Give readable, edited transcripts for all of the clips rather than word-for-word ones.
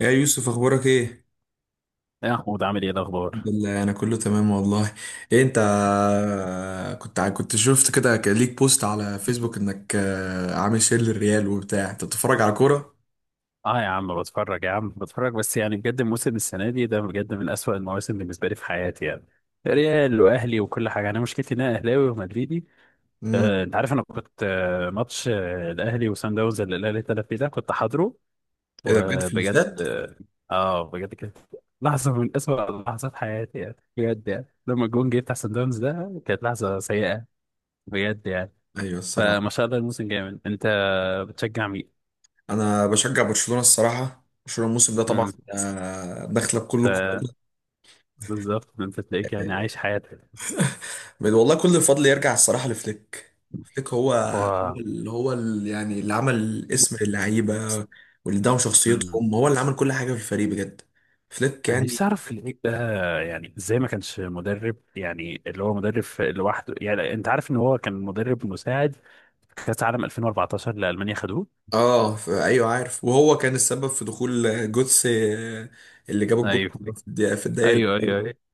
يا يوسف اخبارك ايه؟ يا محمود، عامل ايه الحمد الاخبار؟ لله انا كله تمام والله. إيه انت؟ كنت شفت كده ليك بوست على فيسبوك انك عامل شير للريال وبتاع، انت بتتفرج على كوره. اه يا عم بتفرج، يا عم بتفرج، بس يعني بجد موسم السنه دي ده بجد من اسوأ المواسم بالنسبه لي في حياتي يعني. ريال واهلي وكل حاجه، انا مشكلتي ان انا اهلاوي ومدريدي. امم. انت عارف، انا كنت ماتش الاهلي وسان داونز اللي الاهلي اتلعب فيه ده كنت حاضره ايه ده بجد؟ في وبجد الاستاد؟ بجد كانت لحظه من اسوأ لحظات حياتي يعني، بجد يعني لما الجون جه بتاع سان داونز ده كانت لحظه سيئه بجد يعني. ايوه الصراحه. فما شاء الله الموسم جامد. انت بتشجع مين؟ انا بشجع برشلونه الصراحه، برشلونه الموسم ده طبعا مم. داخله بكل قوتها. بالظبط، انت تلاقيك يعني عايش حياتك. والله كل الفضل يرجع الصراحة لفليك. فليك هو هو. هو اللي هو اللي عمل اسم اللعيبة، واللي دعم مم. شخصيتهم، هو اللي عمل كل حاجة في الفريق بجد. فليك انا يعني. نفسي اعرف العيب ده، يعني ازاي ما كانش مدرب، يعني اللي هو مدرب لوحده، يعني انت عارف ان هو كان مدرب مساعد في كاس عالم 2014 اللي المانيا خدوه. ايوه عارف، وهو كان السبب في دخول جوتس اللي جاب الجول ايوه، في الدقيقة في الدقايق ايوه، ايوه، الأخيرة. ايوه.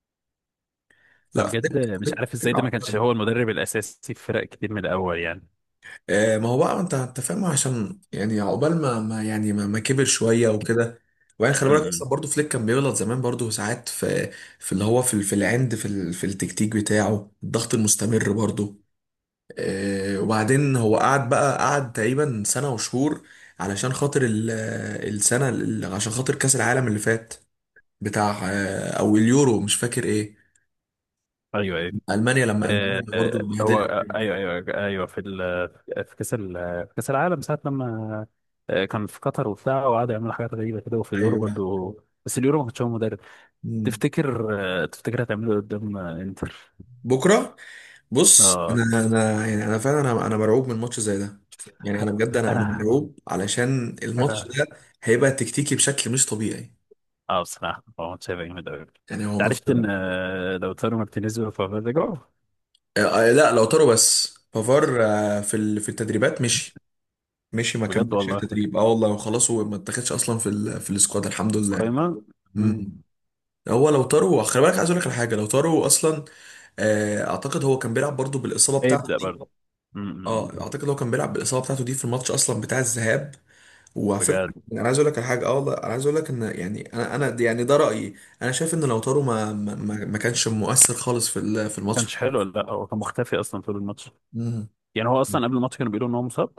لا فبجد فليك مش فليك عارف ازاي فليك ده ما كانش عبقري. هو المدرب الاساسي في فرق كتير من الاول يعني. ما هو بقى انت انت فاهم، عشان يعني عقبال ما, ما يعني ما, ما كبر شويه وكده. وبعدين خلي بالك اصلا امم. برضو فليك كان بيغلط زمان برضو ساعات في في اللي هو في ال- في العند في ال- في التكتيك بتاعه الضغط المستمر برضو. وبعدين هو قعد بقى، قعد تقريبا سنه وشهور علشان خاطر عشان خاطر كاس العالم اللي فات بتاع او اليورو، مش فاكر ايه. ايوه، ايوه. المانيا لما المانيا برضو هو اتبهدلت. ايوه، ايوه، ايوه. في كاس العالم ساعه لما كان في قطر وبتاع وقعدوا يعملوا حاجات غريبه كده، وفي اليورو ايوه. برضو. بس اليورو ما كانش هو مدرب. مم. تفتكر تفتكر هتعمله قدام انتر؟ بكره. بص، اه. انا فعلا انا مرعوب من ماتش زي ده. يعني انا بجد انا انا مرعوب علشان الماتش انا ده هيبقى تكتيكي بشكل مش طبيعي. اه بصراحه هو ماتش هيبقى جامد قوي. يعني هو انت ماتش. عرفت ان لوتارو مارتينيز وفافا رجعوا. آه، لا لو طاروا، بس بافار في التدريبات مشي، مشي، ما بجد كملش والله. التدريب اه والله، وخلاص هو ما اتاخدش اصلا في ال في السكواد الحمد لله. قايمه. مم. مم. هو لو طاروا خلي بالك، عايز اقول لك على حاجه، لو طاروا اصلا اعتقد هو كان بيلعب برضو بالاصابه ايه بتاعته يبدا دي. برضه. مم، مم، اه مم. اعتقد هو كان بيلعب بالاصابه بتاعته دي في الماتش اصلا بتاع الذهاب. وعلى بجد فكرة ما انا عايز اقول لك على حاجه، اه والله انا عايز اقول لك ان يعني يعني ده رايي. انا شايف ان لوتارو ما كانش مؤثر خالص في الماتش. كانش حلو، لا هو كان مختفي اصلا طول الماتش. مم. يعني هو اصلا قبل الماتش كانوا بيقولوا ان هو مصاب.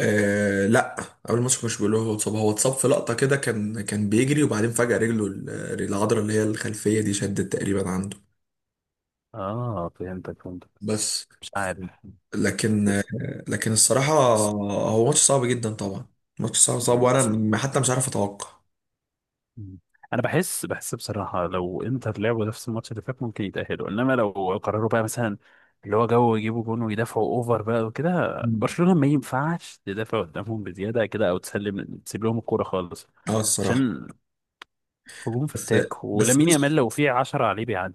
آه لا، قبل الماتش ما كانش بيقولوا، هو اتصاب، هو اتصاب في لقطه كده، كان كان بيجري وبعدين فجاه رجله العضله اللي هي الخلفيه دي شدت تقريبا عنده. اه، فهمتك فهمتك. بس مش عارف. لكن بس- لكن الصراحه بس- هو ماتش صعب جدا طبعا. ماتش صعب صعب مم. وانا حتى مش عارف اتوقع. مم. انا بحس بصراحه، لو انتر لعبوا نفس الماتش اللي فات ممكن يتاهلوا، انما لو قرروا بقى مثلا اللي هو يجيبوا جون ويدافعوا اوفر بقى وكده. مم. برشلونه ما ينفعش تدافع قدامهم بزياده كده او تسيب لهم الكوره خالص، اه الصراحه. عشان هجوم بس فتاك، بس ولامين يامال بص لو في 10 عليه بيعدي.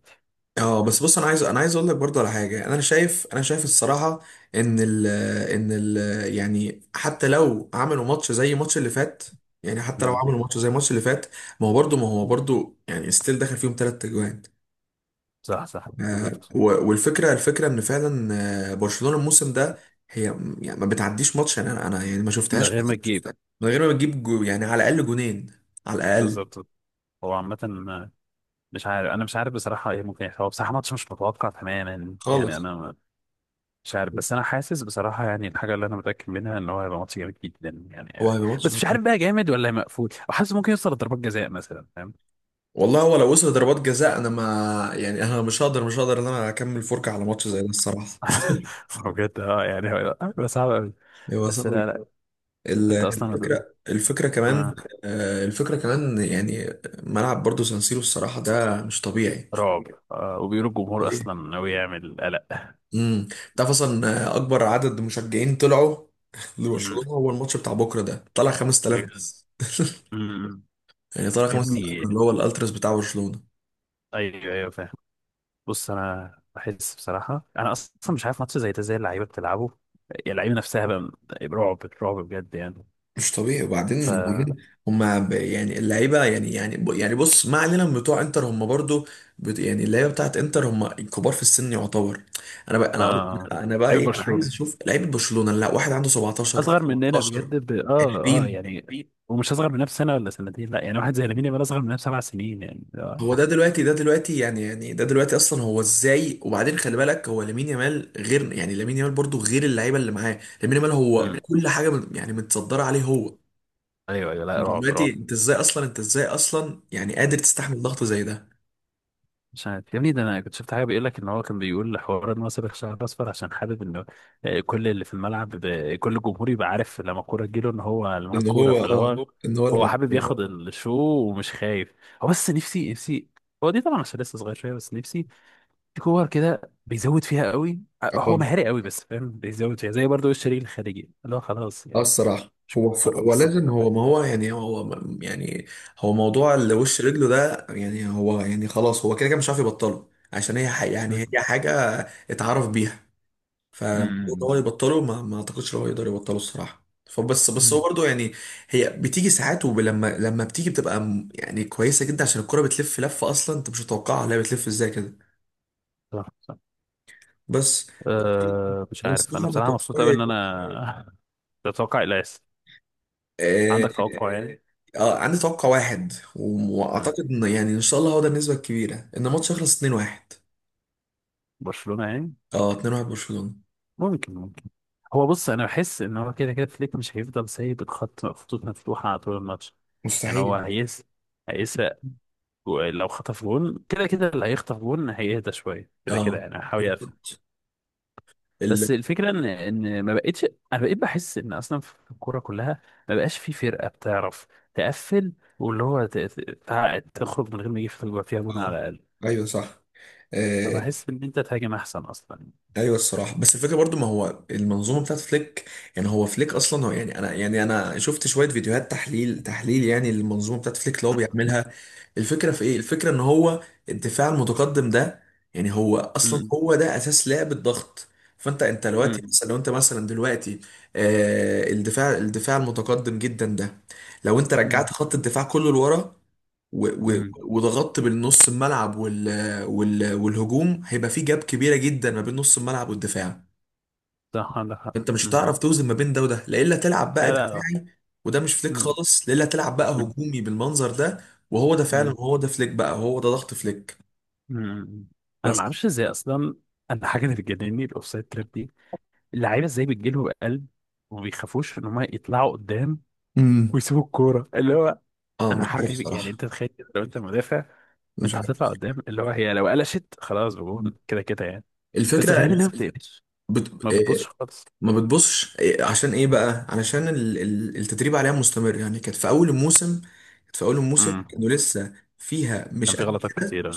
اه بس بص، انا عايز انا عايز اقول لك برضه على حاجه. انا شايف الصراحه ان ال ان يعني حتى لو عملوا ماتش زي الماتش اللي فات، يعني حتى لو مم. عملوا ماتش زي الماتش اللي فات، ما هو برضه، ما هو برضه يعني ستيل دخل فيهم ثلاث اجوان. صح، صح، بالظبط. والفكره، الفكره ان فعلا برشلونه الموسم ده هي يعني ما بتعديش ماتش. يعني انا يعني ما من شفتهاش غير ما تجيب. من غير ما بتجيب جو، يعني على الاقل جونين، على الاقل. بالظبط. هو عامه مش عارف، انا مش عارف بصراحه ايه ممكن يحصل. هو بصراحه ماتش مش متوقع تماما يعني. خالص. انا مش عارف، بس انا حاسس بصراحه، يعني الحاجه اللي انا متاكد منها ان هو هيبقى ماتش جامد جدا هو يعني. هيبقى ماتش بس مش خطير. عارف بقى جامد ولا مقفول، وحاسس ممكن يوصل لضربات جزاء مثلا، فاهم. والله هو لو وصل ضربات جزاء انا ما، يعني انا مش هقدر ان انا اكمل فرجه على ماتش زي ده الصراحه. بجد يعني هيبقى صعب قوي. هو بس صعب لا، جدا. لا. انت اصلا الفكره، الفكره كمان آه، الفكره كمان يعني ملعب برضو سانسيرو الصراحه ده مش طبيعي. رعب. وبيقولوا الجمهور طبيعي. اصلا ناوي يعمل قلق. امم. تعرف اصلا اكبر عدد مشجعين طلعوا مم. لبرشلونه هو الماتش بتاع بكره ده، طلع 5,000 بجد. بس. مم. يعني طلع يا 5,000 ابني، اللي هو الالتراس بتاع برشلونه. ايوه، ايوه فاهم. بص انا بحس بصراحه انا اصلا مش عارف ماتش زي ده زي اللعيبه بتلعبه، يعني اللعيبه نفسها بقى، رعب رعب بجد يعني. مش طبيعي. ف وبعدين وبعدين شوية. هما يعني اللعيبه يعني يعني يعني بص، ما علينا من بتوع انتر، هما برضو يعني اللعيبه بتاعت انتر هما كبار في السن يعتبر. انا اه، انا بقى لعيبه ايه، عايز برشلونه اشوف لعيبه برشلونه، لا واحد عنده 17، اصغر مننا 18، بجد ب... 20. يعني. ومش اصغر مننا بسنه ولا سنتين، لا يعني واحد زي لامين يامال اصغر مننا ب7 سنين يعني. هو ده دلوقتي، ده دلوقتي يعني، يعني ده دلوقتي اصلا هو ازاي؟ وبعدين خلي بالك هو لامين يامال، غير يعني لامين يامال برضو غير اللعيبه اللي معاه، لامين يامال هو أمم. كل حاجه من يعني متصدره عليه هو. ايوه، ايوه، لا، انت رعب دلوقتي رعب. انت ازاي اصلا، انت ازاي اصلا يعني قادر تستحمل ضغط زي ده؟ مش عارف يا ابني، ده انا كنت شفت حاجه بيقول لك ان هو كان بيقول حوار ان هو سابق شعر اصفر عشان حابب انه كل اللي في الملعب كل الجمهور يبقى عارف لما الكوره تجيله ان هو اللي معاه ان الكوره، هو فاللي هو اه، مظبوط. ان هو اللي هو حابب مقصود. ياخد مظبوط الشو ومش خايف. هو بس نفسي، نفسي هو دي طبعا عشان لسه صغير شويه، بس نفسي في كور كده بيزود فيها قوي. اه. هو مهاري قوي بس فاهم، بيزود فيها زي برضه الشريك الخارجي اللي هو خلاص اه يعني. الصراحه. مش هو ف... مره، هو مش كل لازم هو مرة. ما هو يعني هو م- يعني هو موضوع اللي وش رجله ده، يعني هو يعني خلاص هو كده كده مش عارف يبطله، عشان يعني هي مم. حاجه اتعرف بيها. فالمفروض امم. هو يبطله، ما اعتقدش إن هو يقدر يبطله الصراحه. فبس هو مم. برضه يعني هي بتيجي ساعات، ولما لما بتيجي بتبقى يعني كويسه جدا، عشان الكره بتلف لفه اصلا انت مش متوقعها، لا بتلف ازاي كده. صح صح. بس أه مش أنا عارف، انا الصراحة بصراحه مبسوط قوي بتوقعي. ان انا تتوقع الياس. آه. عندك توقع يعني؟ عندي توقع واحد، مم. وأعتقد إن يعني إن شاء الله هو ده النسبة الكبيرة، إن الماتش يخلص 2-1. برشلونة يعني. أه 2-1 برشلونة. ممكن، ممكن. هو بص انا بحس ان هو كده كده فليك مش هيفضل سايب خطوط مفتوحه على طول الماتش. يعني هو مستحيل. هيسرق. لو خطف جون كده كده، اللي هيخطف جون هيهدى شويه كده كده، أه يعني هيحاول يقفل. بالظبط. ال. بس الفكره ان ما بقتش، انا بقيت بحس ان اصلا في الكوره كلها ما بقاش في فرقه بتعرف تقفل، واللي هو تخرج من غير ما يجي فيها جون أه. على الاقل. أيوه صح. آه، فبحس ان انت تهاجم احسن اصلا. ايوه الصراحه. بس الفكره برضو، ما هو المنظومه بتاعت فليك. يعني هو فليك اصلا هو يعني، انا شفت شويه فيديوهات تحليل تحليل يعني للمنظومه بتاعت فليك اللي هو بيعملها. الفكره في ايه؟ الفكره ان هو الدفاع المتقدم ده يعني هو اصلا هو ده اساس لعب الضغط. فانت دلوقتي مم. مثلا، لو انت مثلا دلوقتي آه الدفاع المتقدم جدا ده، لو انت مم. رجعت خط الدفاع كله لورا و- و- مم. وضغطت بالنص الملعب والهجوم، هيبقى في جاب كبيره جدا ما بين نص الملعب والدفاع. صح، عندك حق. انت مش مم. هتعرف توزن ما بين ده وده، لا الا تلعب لا بقى بعيدا، لا. دفاعي، وده مش فليك مم. خالص، لا الا تلعب بقى مم. هجومي بالمنظر ده، وهو ده فعلا، مم. هو ده فليك بقى، هو ده ضغط فليك. مم. انا ما بس. اعرفش ازاي اصلا. انا حاجه اللي بتجنني الاوفسايد تراب دي، اللعيبه ازاي بتجيلهم قلب وما بيخافوش ان هم يطلعوا قدام امم. ويسيبوا الكوره اللي هو. اه انا مش عارف الحركه دي، يعني صراحه. انت تخيل كده لو انت مدافع مش وانت عارف. هتطلع قدام اللي هو هي، لو قلشت خلاص بجون كده كده يعني. بس الفكره غريب الف... انها ما بتقلش، ما بت... آه، بتبصش خالص. ما بتبصش. عشان ايه بقى؟ علشان التدريب عليها مستمر. يعني كانت في اول الموسم، كانت في اول الموسم مم. كانوا لسه فيها كان مش في قد. غلطات كتيره.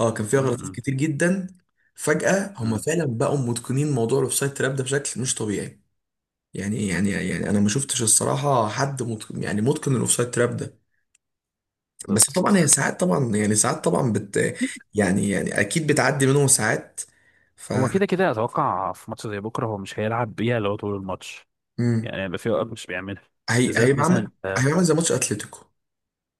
اه كان فيها غلطات مم. كتير جدا. فجأة هم مم. فعلا بقوا متقنين موضوع الاوفسايد تراب ده بشكل مش طبيعي. يعني انا ما شفتش الصراحة حد متقن، يعني متقن الاوفسايد تراب ده. بس بالظبط، طبعا صح. هي ساعات طبعا، يعني ساعات طبعا بت يعني يعني اكيد بتعدي منهم ساعات. ف. هو كده كده اتوقع في ماتش زي بكره هو مش هيلعب بيها لو طول الماتش، مم. يعني هيبقى في اوقات مش بيعملها، بالذات هيبقى عامل، مثلا آه، هيبقى عامل زي ماتش اتلتيكو.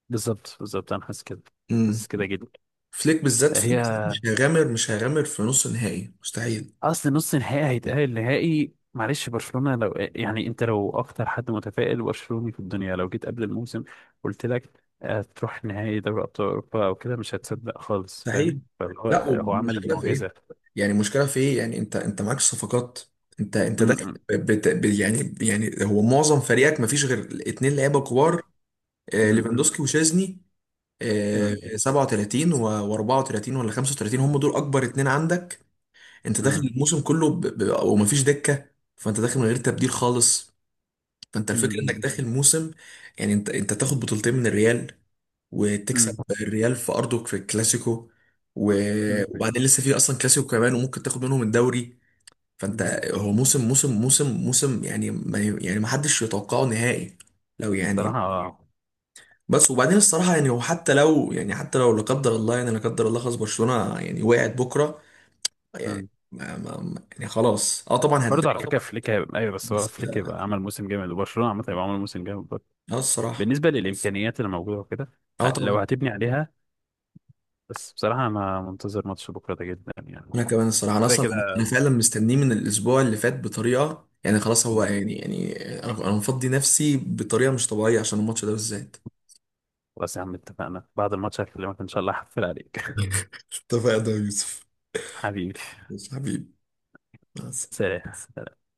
بالظبط بالظبط انا حاسس كده، مم. حاسس كده جدا. فليك بالذات هي فليك بالذات، مش هيغامر في نص نهائي مستحيل. اصل نص نهائي هيتأهل نهائي، معلش برشلونه لو يعني انت لو اكتر حد متفائل برشلوني في الدنيا، لو جيت قبل الموسم قلت لك تروح نهائي دوري ابطال اوروبا او كده، مش هتصدق خالص مستحيل. فاهم. فهو لا هو هو عمل والمشكله في ايه؟ المعجزه. يعني المشكله في ايه؟ يعني انت معاك صفقات. انت م- داخل م- ب- بت... ب... يعني يعني هو معظم فريقك ما فيش غير اتنين لعيبه كبار، آه م- م- ليفاندوسكي وشيزني. آه م- 37 و 34 ولا 35، هم دول اكبر اتنين عندك. انت داخل م- الموسم كله وما فيش دكه. فانت داخل من غير تبديل خالص. فانت الفكره انك م- داخل موسم، يعني انت تاخد بطولتين من الريال، وتكسب م- الريال في ارضك في الكلاسيكو، م- و- م- وبعدين لسه في اصلا كلاسيكو كمان، وممكن تاخد منهم الدوري. فانت م- هو موسم، موسم يعني ما، يعني ما حدش يتوقعه نهائي لو يعني. صراحة. بس وبعدين الصراحه يعني هو حتى لو يعني، حتى لو لا قدر الله، يعني لا قدر الله خلاص برشلونه يعني وقعت بكره، يعني مم. يعني خلاص اه طبعا برضه على هتضايق. برضه فكرة فليك هيبقى أيوة، بس هو بس فليك اه. هيبقى عمل موسم جامد، وبرشلونة عامة هيبقى عمل موسم جامد برضه آه الصراحه. بالنسبة للإمكانيات اللي موجودة وكده. اه طبعا. لو هتبني عليها. بس بصراحة أنا منتظر ماتش بكرة ده جدا يعني. انا كمان الصراحه انا كده اصلا كده. أنا فعلا مستنيه من الاسبوع اللي فات بطريقه، يعني خلاص هو مم. يعني يعني انا مفضي نفسي بطريقه مش طبيعيه عشان الماتش ده بالذات. خلاص يا عم اتفقنا، بعد الماتش هكلمك إن شاء الله، هحفل عليك. اتفقنا يا يوسف. حبيبي. ماشي حبيبي. مع السلامة. سلام.